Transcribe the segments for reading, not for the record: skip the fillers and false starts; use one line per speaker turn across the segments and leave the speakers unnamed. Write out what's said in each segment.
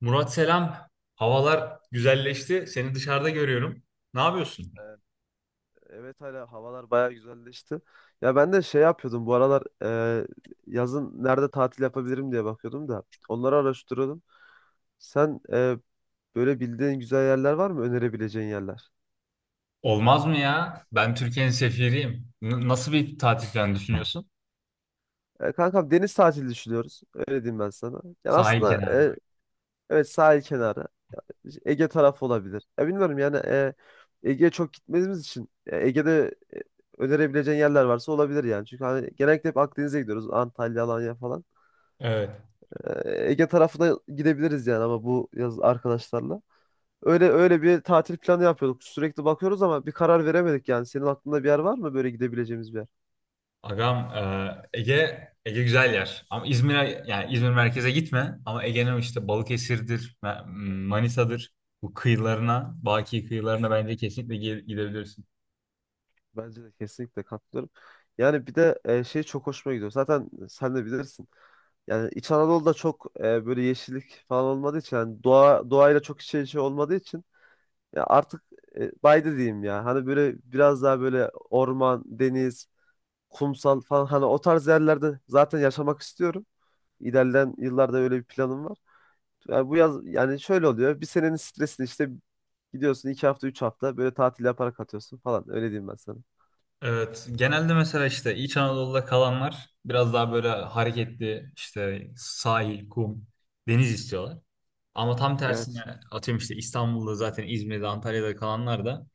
Murat, selam. Havalar güzelleşti. Seni dışarıda görüyorum. Ne yapıyorsun?
Evet evet, hala havalar bayağı güzelleşti. Ya ben de şey yapıyordum bu aralar e, yazın nerede tatil yapabilirim diye bakıyordum da onları araştırıyordum. Sen böyle bildiğin güzel yerler var mı önerebileceğin yerler?
Olmaz mı ya? Ben Türkiye'nin sefiriyim. Nasıl bir tatil planı düşünüyorsun?
Kankam deniz tatili düşünüyoruz. Öyle diyeyim ben sana. Yani
Sahil
aslında
kenarı.
evet, sahil kenarı, Ege tarafı olabilir. Ya bilmiyorum yani, Ege'ye çok gitmediğimiz için Ege'de önerebileceğin yerler varsa olabilir yani. Çünkü hani genellikle hep Akdeniz'e gidiyoruz. Antalya, Alanya falan.
Evet.
Ege tarafına gidebiliriz yani, ama bu yaz arkadaşlarla. Öyle bir tatil planı yapıyorduk. Sürekli bakıyoruz ama bir karar veremedik yani. Senin aklında bir yer var mı, böyle gidebileceğimiz bir yer?
Agam, Ege güzel yer. Ama İzmir'e, yani İzmir merkeze gitme. Ama Ege'nin işte Balıkesir'dir, Manisa'dır. Bu kıyılarına, Baki kıyılarına bence kesinlikle gidebilirsin.
Bence de kesinlikle katılıyorum. Yani bir de şey çok hoşuma gidiyor. Zaten sen de bilirsin. Yani İç Anadolu'da çok böyle yeşillik falan olmadığı için, yani doğayla çok iç içe olmadığı için ya artık baydı diyeyim ya. Hani böyle biraz daha böyle orman, deniz, kumsal falan, hani o tarz yerlerde zaten yaşamak istiyorum. İlerleyen yıllarda öyle bir planım var. Yani bu yaz yani şöyle oluyor. Bir senenin stresini işte gidiyorsun iki hafta üç hafta böyle tatil yaparak atıyorsun falan. Öyle diyeyim ben sana.
Evet, genelde mesela işte İç Anadolu'da kalanlar biraz daha böyle hareketli işte sahil, kum, deniz istiyorlar. Ama tam
Evet.
tersine, atıyorum, işte İstanbul'da, zaten İzmir'de, Antalya'da kalanlar da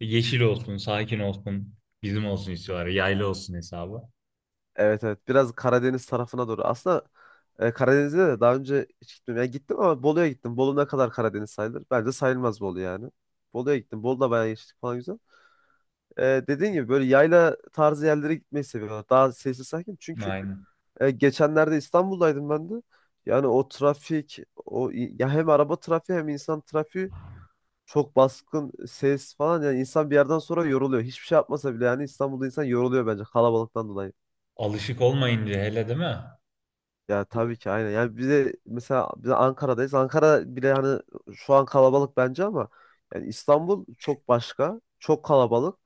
yeşil olsun, sakin olsun, bizim olsun istiyorlar. Yaylı olsun hesabı.
Evet. Biraz Karadeniz tarafına doğru. Aslında Karadeniz'e de daha önce hiç gitmedim. Yani gittim ama Bolu'ya gittim. Bolu ne kadar Karadeniz sayılır? Bence sayılmaz Bolu yani. Bolu'ya gittim. Bolu'da bayağı geçtik falan, güzel. E, Dediğin gibi böyle yayla tarzı yerlere gitmeyi seviyorum. Daha sessiz, sakin. Çünkü
Aynen.
Geçenlerde İstanbul'daydım ben de. Yani o trafik, o ya hem araba trafiği hem insan trafiği, çok baskın ses falan, yani insan bir yerden sonra yoruluyor. Hiçbir şey yapmasa bile yani İstanbul'da insan yoruluyor bence kalabalıktan dolayı.
Alışık olmayınca, hele, değil mi?
Ya tabii ki aynen. Yani bize mesela, biz Ankara'dayız. Ankara bile hani şu an kalabalık bence, ama yani İstanbul çok başka. Çok kalabalık.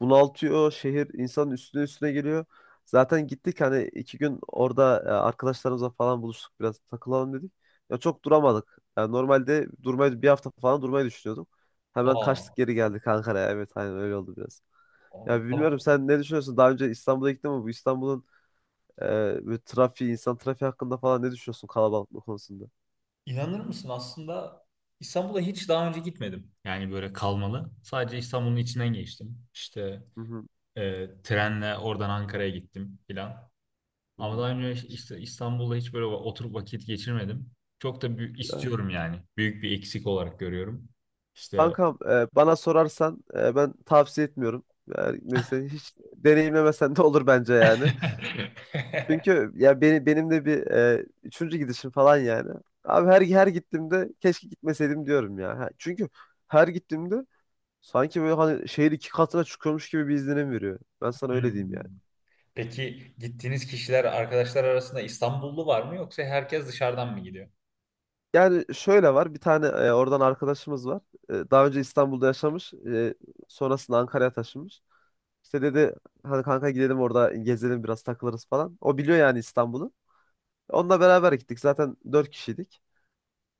Bunaltıyor, şehir insanın üstüne üstüne geliyor. Zaten gittik hani iki gün orada arkadaşlarımızla falan buluştuk, biraz takılalım dedik. Ya çok duramadık. Yani normalde durmayı, bir hafta falan durmayı düşünüyordum. Hemen
Aa,
kaçtık, geri geldik Ankara'ya. Evet aynen öyle oldu biraz.
aa,
Ya
tamam.
bilmiyorum, sen ne düşünüyorsun? Daha önce İstanbul'a gittin mi? Bu İstanbul'un ee, böyle trafiği, insan trafiği hakkında falan ne düşünüyorsun, kalabalıklık konusunda?
İnanır mısın, aslında İstanbul'a hiç daha önce gitmedim. Yani böyle kalmalı. Sadece İstanbul'un içinden geçtim. İşte
Hı hı,
Trenle oradan Ankara'ya gittim filan.
hı
Ama daha
hı.
önce işte İstanbul'da hiç böyle oturup vakit geçirmedim. Çok da büyük
Yani,
istiyorum yani. Büyük bir eksik olarak görüyorum. İşte
kankam, bana sorarsan ben tavsiye etmiyorum. Yani mesela hiç deneyimlemesen de olur bence yani. Çünkü ya benim de bir üçüncü gidişim falan yani. Abi her gittiğimde keşke gitmeseydim diyorum ya. Ha, çünkü her gittiğimde sanki böyle hani şehir iki katına çıkıyormuş gibi bir izlenim veriyor. Ben sana öyle diyeyim yani.
Hmm. Peki, gittiğiniz kişiler, arkadaşlar arasında İstanbullu var mı, yoksa herkes dışarıdan mı gidiyor?
Yani şöyle, var bir tane oradan arkadaşımız var. Daha önce İstanbul'da yaşamış, sonrasında Ankara'ya taşınmış. İşte dedi hadi kanka gidelim, orada gezelim, biraz takılırız falan. O biliyor yani İstanbul'u. Onunla beraber gittik. Zaten dört kişiydik.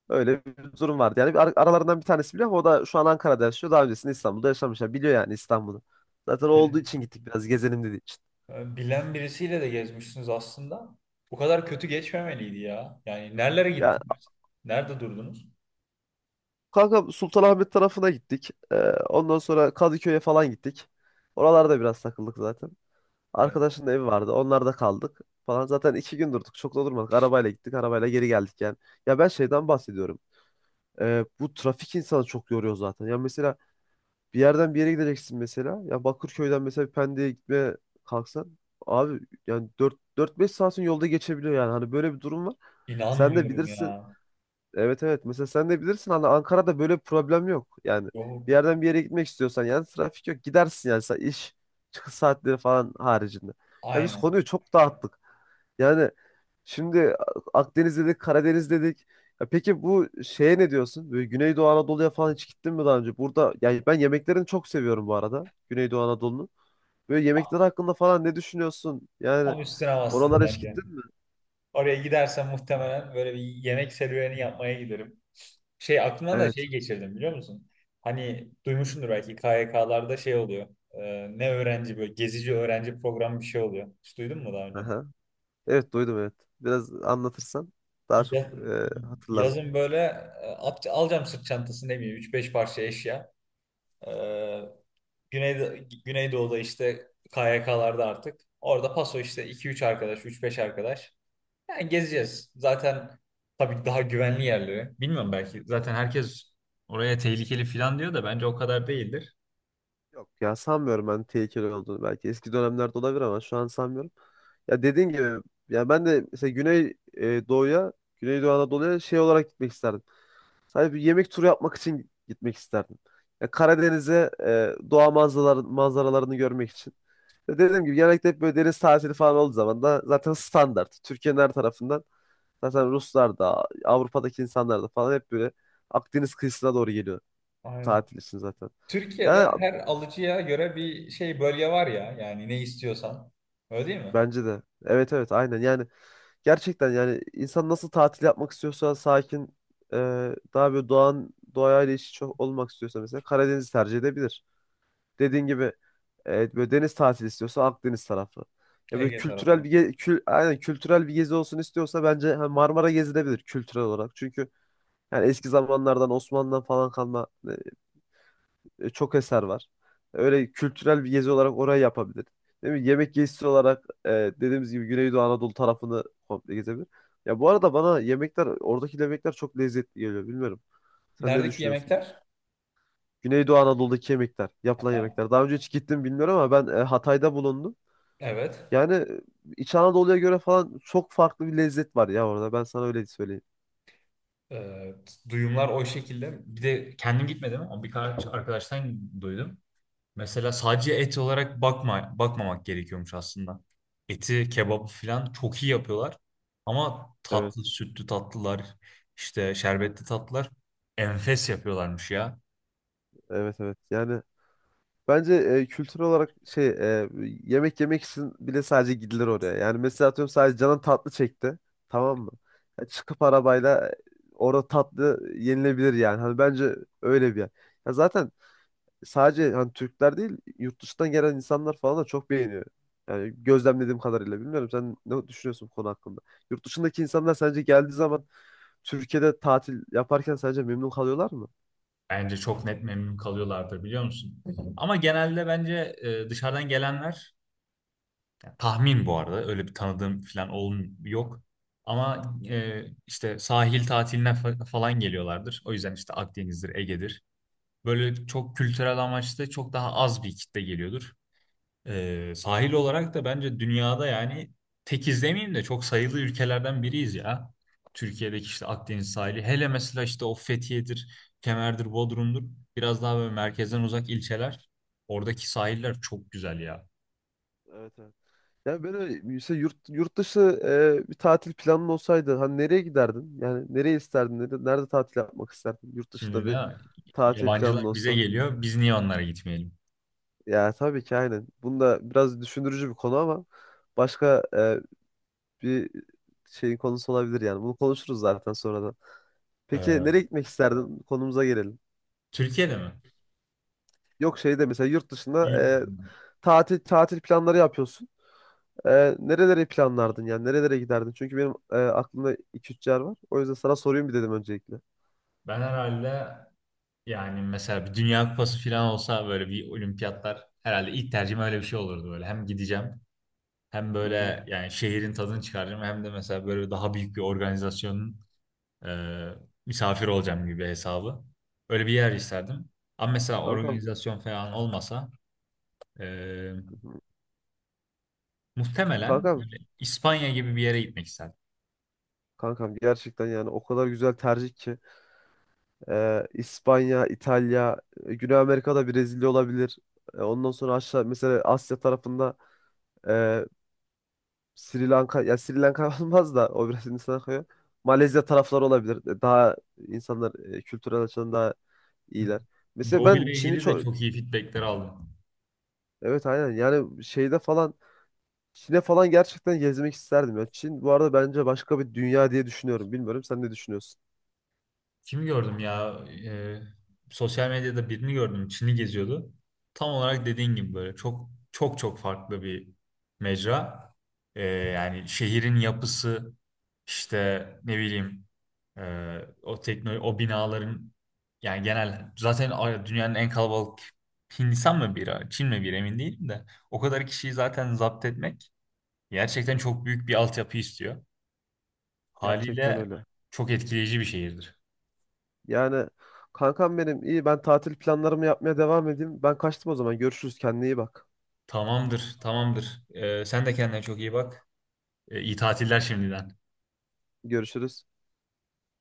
Öyle bir durum vardı. Yani bir aralarından bir tanesi biliyor ama o da şu an Ankara'da yaşıyor. Daha öncesinde İstanbul'da yaşamış. Yani biliyor yani İstanbul'u. Zaten o olduğu için gittik, biraz gezelim dediği için.
Bilen birisiyle de gezmişsiniz aslında. Bu kadar kötü geçmemeliydi ya. Yani nerelere
Ya
gittiniz? Nerede durdunuz?
kanka Sultanahmet tarafına gittik. Ondan sonra Kadıköy'e falan gittik. Oralarda biraz takıldık zaten.
Evet.
Arkadaşın da evi vardı. Onlarda kaldık falan. Zaten iki gün durduk. Çok da durmadık. Arabayla gittik, arabayla geri geldik yani. Ya ben şeyden bahsediyorum. Bu trafik insanı çok yoruyor zaten. Ya mesela bir yerden bir yere gideceksin mesela. Ya Bakırköy'den mesela bir Pendik'e gitmeye kalksan. Abi yani dört beş saatin yolda geçebiliyor yani. Hani böyle bir durum var. Sen de
İnanmıyorum
bilirsin.
ya.
Evet evet. Mesela sen de bilirsin hani Ankara'da böyle bir problem yok. Yani bir
Yok.
yerden bir yere gitmek istiyorsan yani trafik yok. Gidersin yani iş çıkış saatleri falan haricinde. Ya biz
Aynen.
konuyu çok dağıttık. Yani şimdi Akdeniz dedik, Karadeniz dedik. Ya peki bu şeye ne diyorsun? Böyle Güneydoğu Anadolu'ya falan hiç gittin mi daha önce? Burada yani ben yemeklerini çok seviyorum bu arada, Güneydoğu Anadolu'nun. Böyle yemekler hakkında falan ne düşünüyorsun? Yani
Tam üstüne bastın
oralara hiç
bence.
gittin mi?
Oraya gidersem muhtemelen böyle bir yemek serüveni yapmaya giderim. Şey, aklımdan da
Evet.
şey geçirdim, biliyor musun? Hani duymuşsundur belki, KYK'larda şey oluyor. Ne öğrenci, böyle gezici öğrenci programı bir şey oluyor. Hiç duydun mu daha önce?
Evet, duydum, evet. Biraz anlatırsan daha çok
Ya-
hatırlarım.
yazın böyle, alacağım sırt çantası, ne bileyim, 3-5 parça eşya. Ee, Güneydo Güneydoğu'da işte KYK'larda artık. Orada paso işte 2-3 arkadaş, 3-5 arkadaş. Yani gezeceğiz. Zaten tabii daha güvenli yerleri. Bilmiyorum, belki. Zaten herkes oraya tehlikeli falan diyor da bence o kadar değildir.
Yok ya, sanmıyorum ben tehlikeli olduğunu. Belki eski dönemlerde olabilir ama şu an sanmıyorum. Ya dediğin gibi, ya ben de mesela Güney Doğu'ya, Güneydoğu Anadolu'ya şey olarak gitmek isterdim. Sadece bir yemek turu yapmak için gitmek isterdim. Ya Karadeniz'e doğa manzaralarını görmek için. Ya dediğim gibi genellikle hep böyle deniz tatili falan olduğu zaman da zaten standart. Türkiye'nin her tarafından zaten Ruslar da, Avrupa'daki insanlar da falan, hep böyle Akdeniz kıyısına doğru geliyor
Aynen.
tatil için zaten.
Türkiye'de
Yani
her alıcıya göre bir şey, bölge var ya. Yani ne istiyorsan. Öyle değil mi?
bence de. Evet evet aynen yani, gerçekten yani insan nasıl tatil yapmak istiyorsa, sakin e, daha böyle doğayla iç içe olmak istiyorsa mesela Karadeniz'i tercih edebilir. Dediğin gibi evet, böyle deniz tatili istiyorsa Akdeniz tarafı. Ya böyle
Ege
kültürel
tarafı.
bir ge- kül aynen kültürel bir gezi olsun istiyorsa bence ha, Marmara gezilebilir kültürel olarak. Çünkü yani eski zamanlardan Osmanlı'dan falan kalma çok eser var. Öyle kültürel bir gezi olarak orayı yapabilir. Değil mi? Yemek gezisi olarak dediğimiz gibi Güneydoğu Anadolu tarafını komple gezebilir. Ya bu arada bana oradaki yemekler çok lezzetli geliyor. Bilmiyorum. Sen ne
Neredeki
düşünüyorsun?
yemekler?
Güneydoğu Anadolu'daki yapılan
Ha,
yemekler. Daha önce hiç gittim bilmiyorum ama ben Hatay'da bulundum.
evet.
Yani İç Anadolu'ya göre falan çok farklı bir lezzet var ya orada. Ben sana öyle söyleyeyim.
Ee, duyumlar o şekilde. Bir de kendim gitmedim ama birkaç arkadaştan duydum. Mesela sadece et olarak bakma, bakmamak gerekiyormuş aslında. Eti, kebabı falan çok iyi yapıyorlar. Ama tatlı,
Evet,
sütlü tatlılar, işte şerbetli tatlılar enfes yapıyorlarmış ya.
evet, evet. Yani bence kültür olarak yemek yemek için bile sadece gidilir oraya. Yani mesela atıyorum, sadece canın tatlı çekti. Tamam mı? Ya çıkıp arabayla orada tatlı yenilebilir yani. Hani bence öyle bir yer. Ya zaten sadece hani Türkler değil, yurt dışından gelen insanlar falan da çok beğeniyor. Yani gözlemlediğim kadarıyla, bilmiyorum sen ne düşünüyorsun bu konu hakkında? Yurt dışındaki insanlar sence geldiği zaman Türkiye'de tatil yaparken sence memnun kalıyorlar mı?
Bence çok net memnun kalıyorlardır, biliyor musun? Hı hı. Ama genelde bence dışarıdan gelenler, ya, tahmin, bu arada öyle bir tanıdığım falan olm yok. Ama işte sahil tatiline falan geliyorlardır. O yüzden işte Akdeniz'dir, Ege'dir. Böyle çok kültürel amaçlı çok daha az bir kitle geliyordur. Sahil olarak da bence dünyada yani tek izlemeyeyim de çok sayılı ülkelerden biriyiz ya. Türkiye'deki işte Akdeniz sahili. Hele mesela işte o Fethiye'dir, Kemer'dir, Bodrum'dur. Biraz daha böyle merkezden uzak ilçeler. Oradaki sahiller çok güzel ya.
Evet evet. Yani böyle mesela yurt dışı bir tatil planın olsaydı hani nereye giderdin? Yani nereye isterdin? Nerede tatil yapmak isterdin? Yurt
Şimdi
dışında
de
bir tatil planın
yabancılar bize
olsa.
geliyor. Biz niye onlara gitmeyelim?
Ya tabii ki aynen. Bunda biraz düşündürücü bir konu ama başka bir şeyin konusu olabilir yani. Bunu konuşuruz zaten sonradan. Peki nereye
Ee,
gitmek isterdin? Konumuza gelelim.
Türkiye'de mi?
Yok şey, de mesela yurt dışında tatil planları yapıyorsun. Nereleri planlardın, yani nerelere giderdin? Çünkü benim aklımda iki üç yer var. O yüzden sana sorayım bir dedim öncelikle.
Ben herhalde, yani mesela bir Dünya Kupası falan olsa, böyle bir olimpiyatlar, herhalde ilk tercihim öyle bir şey olurdu böyle. Hem gideceğim, hem
Hı hı.
böyle yani şehrin tadını çıkaracağım, hem de mesela böyle daha büyük bir organizasyonun e, misafir olacağım gibi hesabı. Öyle bir yer isterdim. Ama mesela
Kankam,
organizasyon falan olmasa, e,
hı hı.
muhtemelen
Kankam,
İspanya gibi bir yere gitmek isterdim.
kankam gerçekten yani o kadar güzel tercih ki. İspanya, İtalya, Güney Amerika'da Brezilya olabilir. Ondan sonra aşağı mesela Asya tarafında e, Sri Lanka, ya Sri Lanka olmaz da, o biraz Hindistan'a kayıyor. Malezya tarafları olabilir. Daha insanlar kültürel açıdan daha iyiler. Mesela
Doğu
ben
ile
Çin'i
ilgili de
çok
çok iyi feedbackler aldım.
evet aynen yani, şeyde falan Çin'e falan gerçekten gezmek isterdim ya. Çin bu arada bence başka bir dünya diye düşünüyorum. Bilmiyorum sen ne düşünüyorsun?
Kimi gördüm ya? Ee, sosyal medyada birini gördüm. Çin'i geziyordu. Tam olarak dediğin gibi, böyle çok çok çok farklı bir mecra. Yani şehrin yapısı, işte ne bileyim, o teknoloji, o binaların, yani genel zaten dünyanın en kalabalık, Hindistan mı biri, Çin mi biri, emin değilim de, o kadar kişiyi zaten zapt etmek gerçekten çok büyük bir altyapı istiyor.
Gerçekten
Haliyle
öyle.
çok etkileyici bir şehirdir.
Yani kankam benim iyi, ben tatil planlarımı yapmaya devam edeyim. Ben kaçtım o zaman. Görüşürüz. Kendine iyi bak.
Tamamdır, tamamdır. Sen de kendine çok iyi bak. İyi tatiller şimdiden.
Görüşürüz.